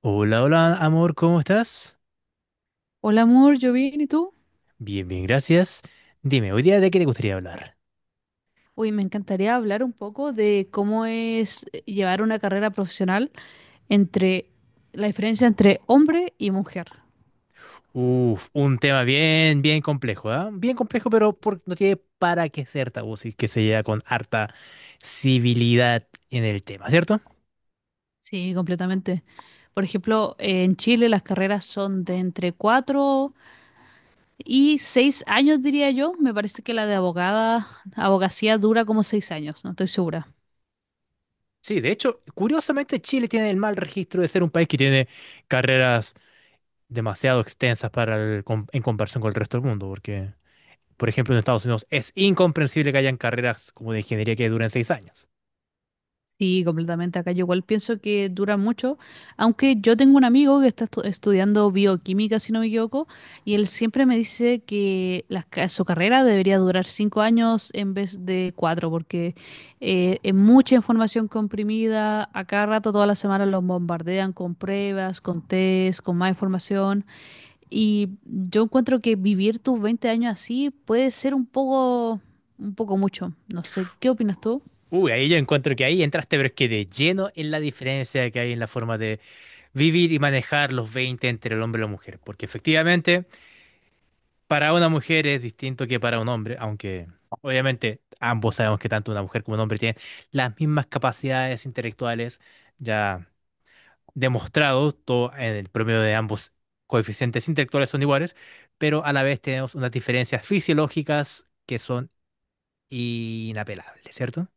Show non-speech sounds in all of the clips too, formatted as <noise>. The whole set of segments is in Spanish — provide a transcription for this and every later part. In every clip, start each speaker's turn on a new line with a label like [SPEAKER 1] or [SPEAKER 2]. [SPEAKER 1] Hola, hola, amor, ¿cómo estás?
[SPEAKER 2] Hola amor, yo bien, ¿y tú?
[SPEAKER 1] Bien, bien, gracias. Dime, hoy día de qué te gustaría hablar.
[SPEAKER 2] Uy, me encantaría hablar un poco de cómo es llevar una carrera profesional entre la diferencia entre hombre y mujer.
[SPEAKER 1] Uf, un tema bien, bien complejo, ¿ah? Bien complejo, pero no tiene para qué ser tabú, si es que se llega con harta civilidad en el tema, ¿cierto?
[SPEAKER 2] Sí, completamente. Por ejemplo, en Chile las carreras son de entre 4 y 6 años, diría yo. Me parece que la de abogada, abogacía dura como 6 años, no estoy segura.
[SPEAKER 1] Sí, de hecho, curiosamente Chile tiene el mal registro de ser un país que tiene carreras demasiado extensas para en comparación con el resto del mundo, porque, por ejemplo, en Estados Unidos es incomprensible que hayan carreras como de ingeniería que duren seis años.
[SPEAKER 2] Sí, completamente. Acá yo igual pienso que dura mucho, aunque yo tengo un amigo que está estudiando bioquímica, si no me equivoco, y él siempre me dice que las su carrera debería durar 5 años en vez de 4, porque es mucha información comprimida, a cada rato, todas las semanas los bombardean con pruebas, con test, con más información. Y yo encuentro que vivir tus 20 años así puede ser un poco mucho. No sé, ¿qué opinas tú?
[SPEAKER 1] Uy, ahí yo encuentro que ahí entraste, pero es que de lleno en la diferencia que hay en la forma de vivir y manejar los 20 entre el hombre y la mujer. Porque efectivamente, para una mujer es distinto que para un hombre, aunque obviamente ambos sabemos que tanto una mujer como un hombre tienen las mismas capacidades intelectuales ya demostrado, todo en el promedio de ambos coeficientes intelectuales son iguales, pero a la vez tenemos unas diferencias fisiológicas que son inapelables, cierto.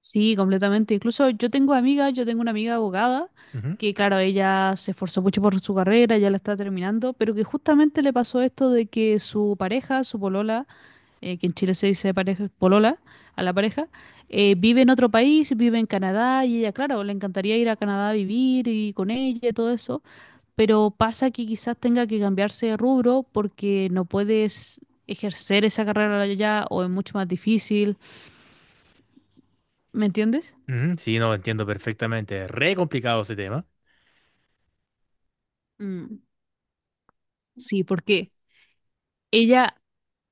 [SPEAKER 2] Sí, completamente. Incluso yo tengo amigas, yo tengo una amiga abogada que, claro, ella se esforzó mucho por su carrera, ya la está terminando, pero que justamente le pasó esto de que su pareja, su polola, que en Chile se dice pareja, polola, a la pareja, vive en otro país, vive en Canadá y ella, claro, le encantaría ir a Canadá a vivir y con ella y todo eso, pero pasa que quizás tenga que cambiarse de rubro porque no puedes ejercer esa carrera allá o es mucho más difícil, ¿me entiendes?
[SPEAKER 1] Ujú, sí, no, entiendo perfectamente. Re complicado ese tema.
[SPEAKER 2] Mm. Sí, porque ella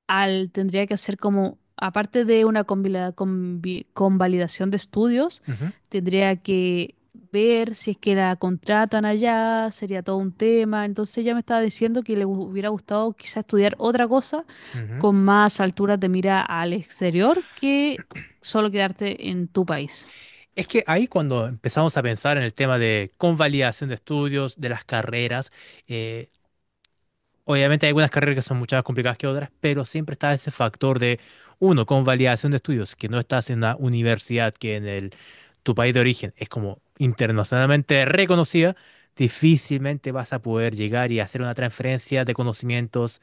[SPEAKER 2] al tendría que hacer como, aparte de una convalidación de estudios,
[SPEAKER 1] Ujú,
[SPEAKER 2] tendría que ver si es que la contratan allá, sería todo un tema. Entonces ella me estaba diciendo que le hubiera gustado quizá estudiar otra cosa
[SPEAKER 1] ujú.
[SPEAKER 2] con más alturas de mira al exterior que solo quedarte en tu país.
[SPEAKER 1] Es que ahí cuando empezamos a pensar en el tema de convalidación de estudios, de las carreras, eh, obviamente hay algunas carreras que son mucho más complicadas que otras, pero siempre está ese factor de, uno, convalidación de estudios, que no estás en una universidad que tu país de origen es como internacionalmente reconocida, difícilmente vas a poder llegar y hacer una transferencia de conocimientos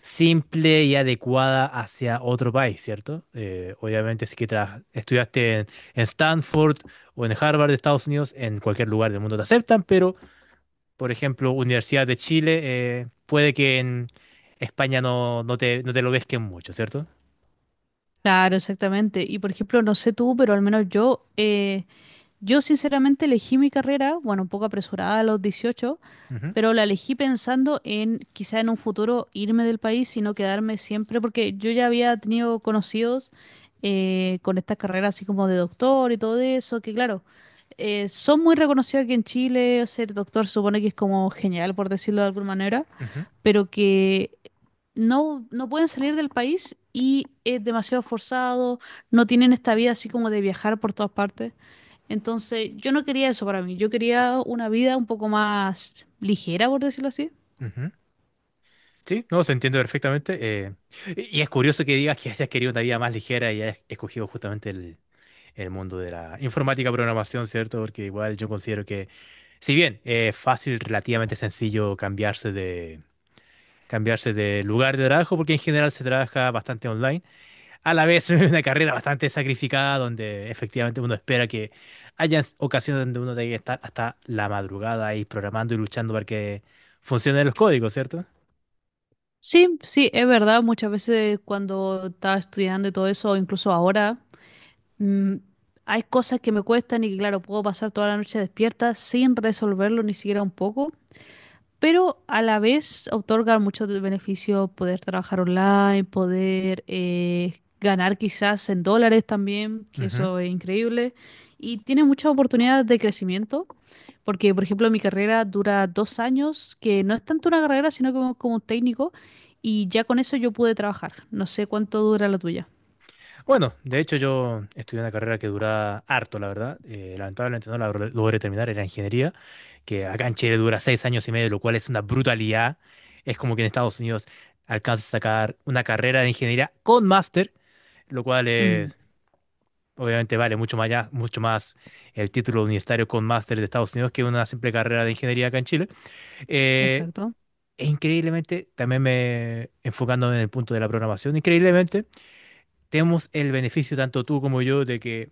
[SPEAKER 1] simple y adecuada hacia otro país, ¿cierto? Obviamente, si que estudiaste en Stanford o en Harvard de Estados Unidos, en cualquier lugar del mundo te aceptan, pero, por ejemplo, Universidad de Chile, puede que en España no te, no te lo pesquen mucho, ¿cierto?
[SPEAKER 2] Claro, exactamente. Y por ejemplo, no sé tú, pero al menos yo, yo sinceramente elegí mi carrera, bueno, un poco apresurada a los 18,
[SPEAKER 1] Ujú,
[SPEAKER 2] pero la elegí pensando en quizá en un futuro irme del país y no quedarme siempre, porque yo ya había tenido conocidos con estas carreras, así como de doctor y todo eso, que claro, son muy reconocidos aquí en Chile, ser doctor supone que es como genial, por decirlo de alguna manera,
[SPEAKER 1] ujú,
[SPEAKER 2] pero que no pueden salir del país y es demasiado forzado, no tienen esta vida así como de viajar por todas partes. Entonces, yo no quería eso para mí, yo quería una vida un poco más ligera, por decirlo así.
[SPEAKER 1] ujú. Sí, no, se entiende perfectamente. Y es curioso que digas que hayas querido una vida más ligera y hayas escogido justamente el mundo de la informática, programación, ¿cierto? Porque igual yo considero que, si bien es fácil, relativamente sencillo cambiarse de lugar de trabajo, porque en general se trabaja bastante online, a la vez <laughs> es una carrera bastante sacrificada, donde efectivamente uno espera que haya ocasiones donde uno tenga que estar hasta la madrugada ahí programando y luchando para que funcionen los códigos, ¿cierto?
[SPEAKER 2] Sí, sí, es verdad, muchas veces cuando estaba estudiando y todo eso, o incluso ahora, mm, hay cosas que me cuestan y que claro, puedo pasar toda la noche despierta sin resolverlo ni siquiera un poco. Pero a la vez otorga mucho de beneficio poder trabajar online, poder ganar quizás en dólares también, que eso es increíble, y tiene muchas oportunidades de crecimiento, porque por ejemplo mi carrera dura 2 años, que no es tanto una carrera, sino como un técnico, y ya con eso yo pude trabajar. No sé cuánto dura la tuya.
[SPEAKER 1] Bueno, de hecho yo estudié una carrera que dura harto, la verdad. Lamentablemente no la logré terminar, era ingeniería, que acá en Chile dura seis años y medio, lo cual es una brutalidad. Es como que en Estados Unidos alcanzas a sacar una carrera de ingeniería con máster, lo cual
[SPEAKER 2] Mm.
[SPEAKER 1] es, obviamente vale mucho más, mucho más el título universitario con máster de Estados Unidos que una simple carrera de ingeniería acá en Chile. Eh,
[SPEAKER 2] Exacto.
[SPEAKER 1] e increíblemente, también me enfocando en el punto de la programación, increíblemente tenemos el beneficio tanto tú como yo de que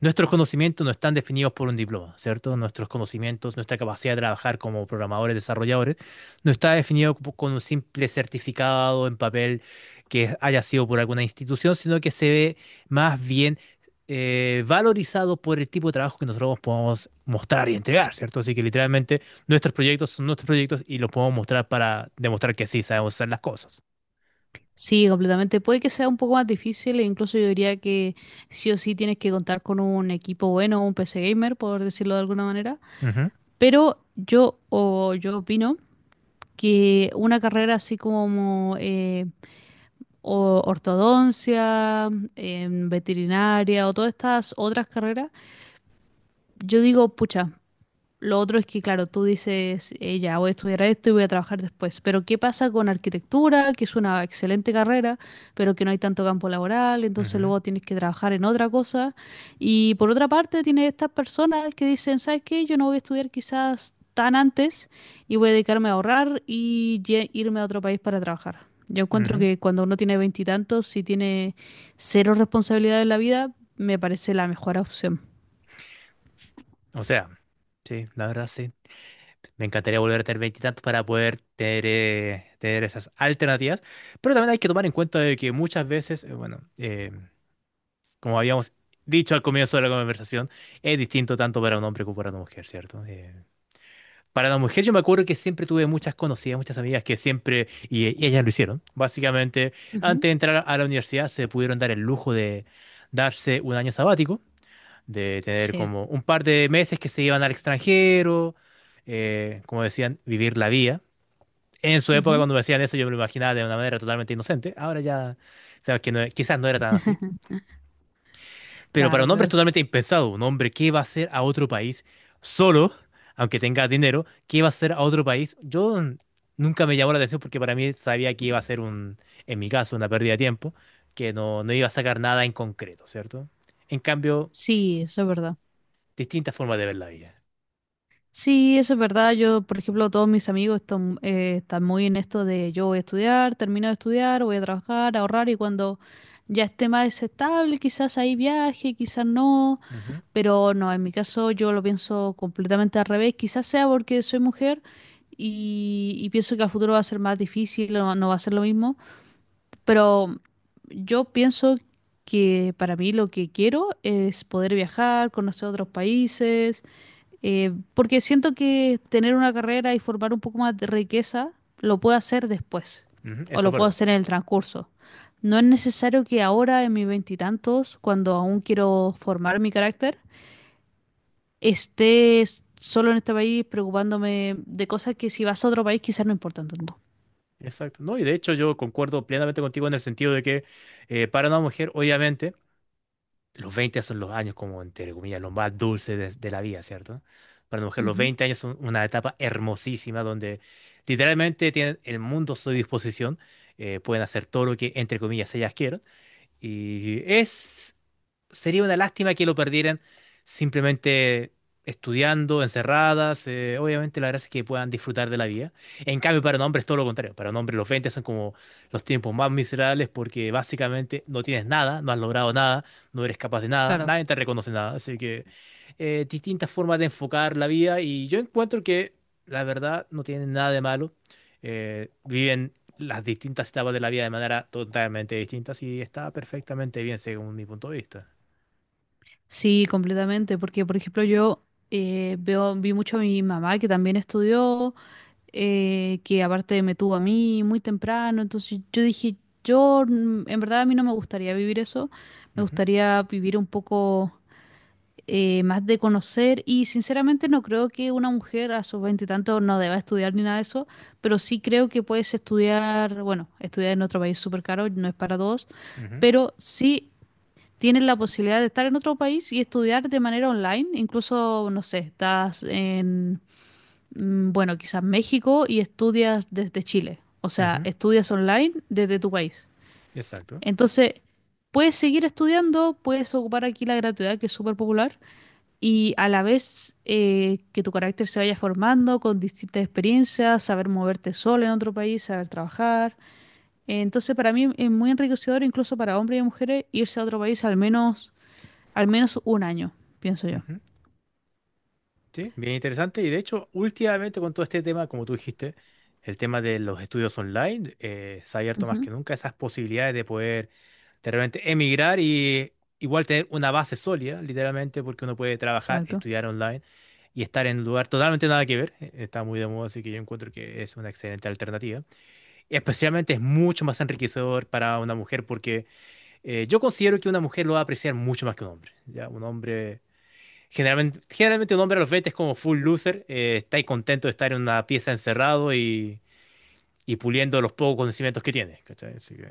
[SPEAKER 1] nuestros conocimientos no están definidos por un diploma, ¿cierto? Nuestros conocimientos, nuestra capacidad de trabajar como programadores, desarrolladores, no está definido con un simple certificado en papel que haya sido por alguna institución, sino que se ve más bien valorizado por el tipo de trabajo que nosotros podemos mostrar y entregar, ¿cierto? Así que literalmente nuestros proyectos son nuestros proyectos y los podemos mostrar para demostrar que sí sabemos hacer las cosas.
[SPEAKER 2] Sí, completamente. Puede que sea un poco más difícil e incluso yo diría que sí o sí tienes que contar con un equipo bueno, un PC gamer, por decirlo de alguna manera.
[SPEAKER 1] Ujú,
[SPEAKER 2] Pero yo opino que una carrera así como ortodoncia, veterinaria o todas estas otras carreras, yo digo, pucha. Lo otro es que, claro, tú dices, ya voy a estudiar esto y voy a trabajar después, pero ¿qué pasa con arquitectura, que es una excelente carrera, pero que no hay tanto campo laboral, entonces
[SPEAKER 1] ujú,
[SPEAKER 2] luego tienes que trabajar en otra cosa? Y por otra parte, tienes estas personas que dicen, ¿sabes qué? Yo no voy a estudiar quizás tan antes y voy a dedicarme a ahorrar y irme a otro país para trabajar. Yo encuentro
[SPEAKER 1] ujú.
[SPEAKER 2] que cuando uno tiene veintitantos, si tiene cero responsabilidad en la vida, me parece la mejor opción.
[SPEAKER 1] O sea, sí, la verdad sí. Me encantaría volver a tener veintitantos para poder tener, tener esas alternativas. Pero también hay que tomar en cuenta de que muchas veces, bueno, como habíamos dicho al comienzo de la conversación, es distinto tanto para un hombre como para una mujer, ¿cierto? Para la mujer yo me acuerdo que siempre tuve muchas conocidas, muchas amigas que siempre, y ellas lo hicieron, básicamente,
[SPEAKER 2] Ujú.
[SPEAKER 1] antes de entrar a la universidad se pudieron dar el lujo de darse un año sabático, de tener
[SPEAKER 2] Sí.
[SPEAKER 1] como un par de meses que se iban al extranjero, como decían, vivir la vida en su época,
[SPEAKER 2] Ujú.
[SPEAKER 1] cuando me decían eso yo me lo imaginaba de una manera totalmente inocente. Ahora ya, sabes que quizás no era tan así.
[SPEAKER 2] <laughs>
[SPEAKER 1] Pero para
[SPEAKER 2] Claro,
[SPEAKER 1] un hombre es
[SPEAKER 2] claro.
[SPEAKER 1] totalmente impensado. Un hombre que va a hacer a otro país solo, aunque tenga dinero, que va a hacer a otro país. Nunca me llamó la atención porque para mí sabía que iba a ser un, en mi caso, una pérdida de tiempo, que no iba a sacar nada en concreto, ¿cierto? En cambio,
[SPEAKER 2] Sí, eso es verdad.
[SPEAKER 1] distintas formas de ver la vida.
[SPEAKER 2] Sí, eso es verdad. Yo, por ejemplo, todos mis amigos están, están muy en esto de yo voy a estudiar, termino de estudiar, voy a trabajar, ahorrar y cuando ya esté más estable, quizás ahí viaje, quizás no,
[SPEAKER 1] Ujú,
[SPEAKER 2] pero no, en mi caso yo lo pienso completamente al revés. Quizás sea porque soy mujer y pienso que a futuro va a ser más difícil, no va a ser lo mismo, pero yo pienso que para mí lo que quiero es poder viajar, conocer otros países. Porque siento que tener una carrera y formar un poco más de riqueza lo puedo hacer después
[SPEAKER 1] ujú,
[SPEAKER 2] o
[SPEAKER 1] eso es
[SPEAKER 2] lo puedo
[SPEAKER 1] verdad.
[SPEAKER 2] hacer en el transcurso. No es necesario que ahora, en mis veintitantos, cuando aún quiero formar mi carácter, esté solo en este país preocupándome de cosas que si vas a otro país quizás no importan tanto.
[SPEAKER 1] Exacto. No, y de hecho yo concuerdo plenamente contigo en el sentido de que para una mujer, obviamente, los 20 son los años como, entre comillas, los más dulces de la vida, ¿cierto? Para una mujer, los
[SPEAKER 2] Ujú.
[SPEAKER 1] 20 años son una etapa hermosísima donde literalmente tienen el mundo a su disposición, pueden hacer todo lo que, entre comillas, ellas quieran. Y es, sería una lástima que lo perdieran simplemente estudiando, encerradas. Obviamente la gracia es que puedan disfrutar de la vida. En cambio, para un hombre es todo lo contrario. Para un hombre los 20 son como los tiempos más miserables porque básicamente no tienes nada, no has logrado nada, no eres capaz de nada,
[SPEAKER 2] Claro.
[SPEAKER 1] nadie te reconoce nada. Así que distintas formas de enfocar la vida y yo encuentro que la verdad no tiene nada de malo. Viven las distintas etapas de la vida de manera totalmente distinta y está perfectamente bien según mi punto de vista.
[SPEAKER 2] Sí, completamente, porque por ejemplo yo vi mucho a mi mamá que también estudió, que aparte me tuvo a mí muy temprano, entonces yo dije, yo en verdad a mí no me gustaría vivir eso, me
[SPEAKER 1] Ujú,
[SPEAKER 2] gustaría vivir un poco más de conocer y sinceramente no creo que una mujer a sus veinte y tantos no deba estudiar ni nada de eso, pero sí creo que puedes estudiar, bueno, estudiar en otro país es súper caro, no es para todos,
[SPEAKER 1] ujú,
[SPEAKER 2] pero sí... Tienes la posibilidad de estar en otro país y estudiar de manera online, incluso, no sé, estás en, bueno, quizás México y estudias desde Chile. O sea,
[SPEAKER 1] ujú,
[SPEAKER 2] estudias online desde tu país.
[SPEAKER 1] exacto.
[SPEAKER 2] Entonces, puedes seguir estudiando, puedes ocupar aquí la gratuidad, que es súper popular, y a la vez que tu carácter se vaya formando con distintas experiencias, saber moverte solo en otro país, saber trabajar. Entonces, para mí es muy enriquecedor, incluso para hombres y mujeres, irse a otro país al menos un año, pienso yo.
[SPEAKER 1] Ujú. Sí, bien interesante. Y de hecho, últimamente con todo este tema, como tú dijiste, el tema de los estudios online, se ha abierto más
[SPEAKER 2] Ujú.
[SPEAKER 1] que nunca esas posibilidades de realmente emigrar y igual tener una base sólida, literalmente, porque uno puede trabajar,
[SPEAKER 2] Exacto.
[SPEAKER 1] estudiar online y estar en un lugar totalmente nada que ver. Está muy de moda, así que yo encuentro que es una excelente alternativa. Especialmente es mucho más enriquecedor para una mujer porque yo considero que una mujer lo va a apreciar mucho más que un hombre. ¿Ya? Un hombre, generalmente un hombre a los 20 es como full loser, está ahí contento de estar en una pieza encerrado y puliendo los pocos conocimientos que tiene. ¿Cachai? Así que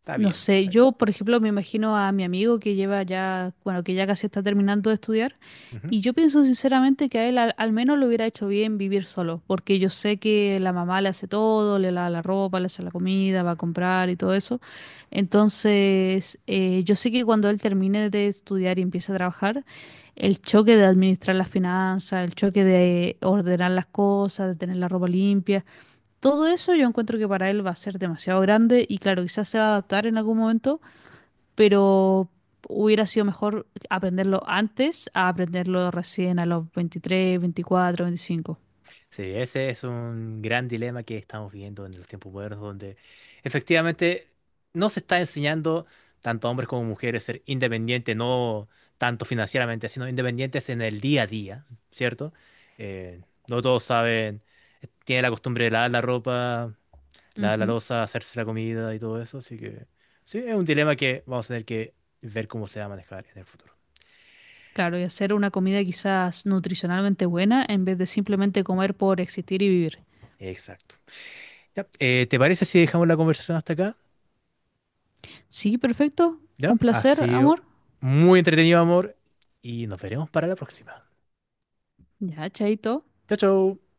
[SPEAKER 1] está
[SPEAKER 2] No
[SPEAKER 1] bien,
[SPEAKER 2] sé,
[SPEAKER 1] está bien.
[SPEAKER 2] yo por ejemplo me imagino a mi amigo que lleva ya, bueno, que ya casi está terminando de estudiar
[SPEAKER 1] Ujú.
[SPEAKER 2] y yo pienso sinceramente que a él al menos le hubiera hecho bien vivir solo, porque yo sé que la mamá le hace todo, le lava la ropa, le hace la comida, va a comprar y todo eso. Entonces, yo sé que cuando él termine de estudiar y empiece a trabajar, el choque de administrar las finanzas, el choque de ordenar las cosas, de tener la ropa limpia. Todo eso yo encuentro que para él va a ser demasiado grande y claro, quizás se va a adaptar en algún momento, pero hubiera sido mejor aprenderlo antes a aprenderlo recién a los 23, 24, 25.
[SPEAKER 1] Sí, ese es un gran dilema que estamos viviendo en los tiempos modernos, donde efectivamente no se está enseñando tanto a hombres como mujeres ser independientes, no tanto financieramente, sino independientes en el día a día, ¿cierto? Eh, no todos saben, tienen la costumbre de lavar la ropa, lavar la
[SPEAKER 2] Ujú.
[SPEAKER 1] loza, hacerse la comida y todo eso, así que sí, es un dilema que vamos a tener que ver cómo se va a manejar en el futuro.
[SPEAKER 2] Claro, y hacer una comida quizás nutricionalmente buena en vez de simplemente comer por existir y vivir.
[SPEAKER 1] Exacto. Ya, ¿te parece si dejamos la conversación hasta acá?
[SPEAKER 2] Sí, perfecto. Un
[SPEAKER 1] ¿Ya? Ha
[SPEAKER 2] placer,
[SPEAKER 1] sido
[SPEAKER 2] amor.
[SPEAKER 1] muy entretenido, amor, y nos veremos para la próxima.
[SPEAKER 2] Ya, chaito.
[SPEAKER 1] Chao, chao.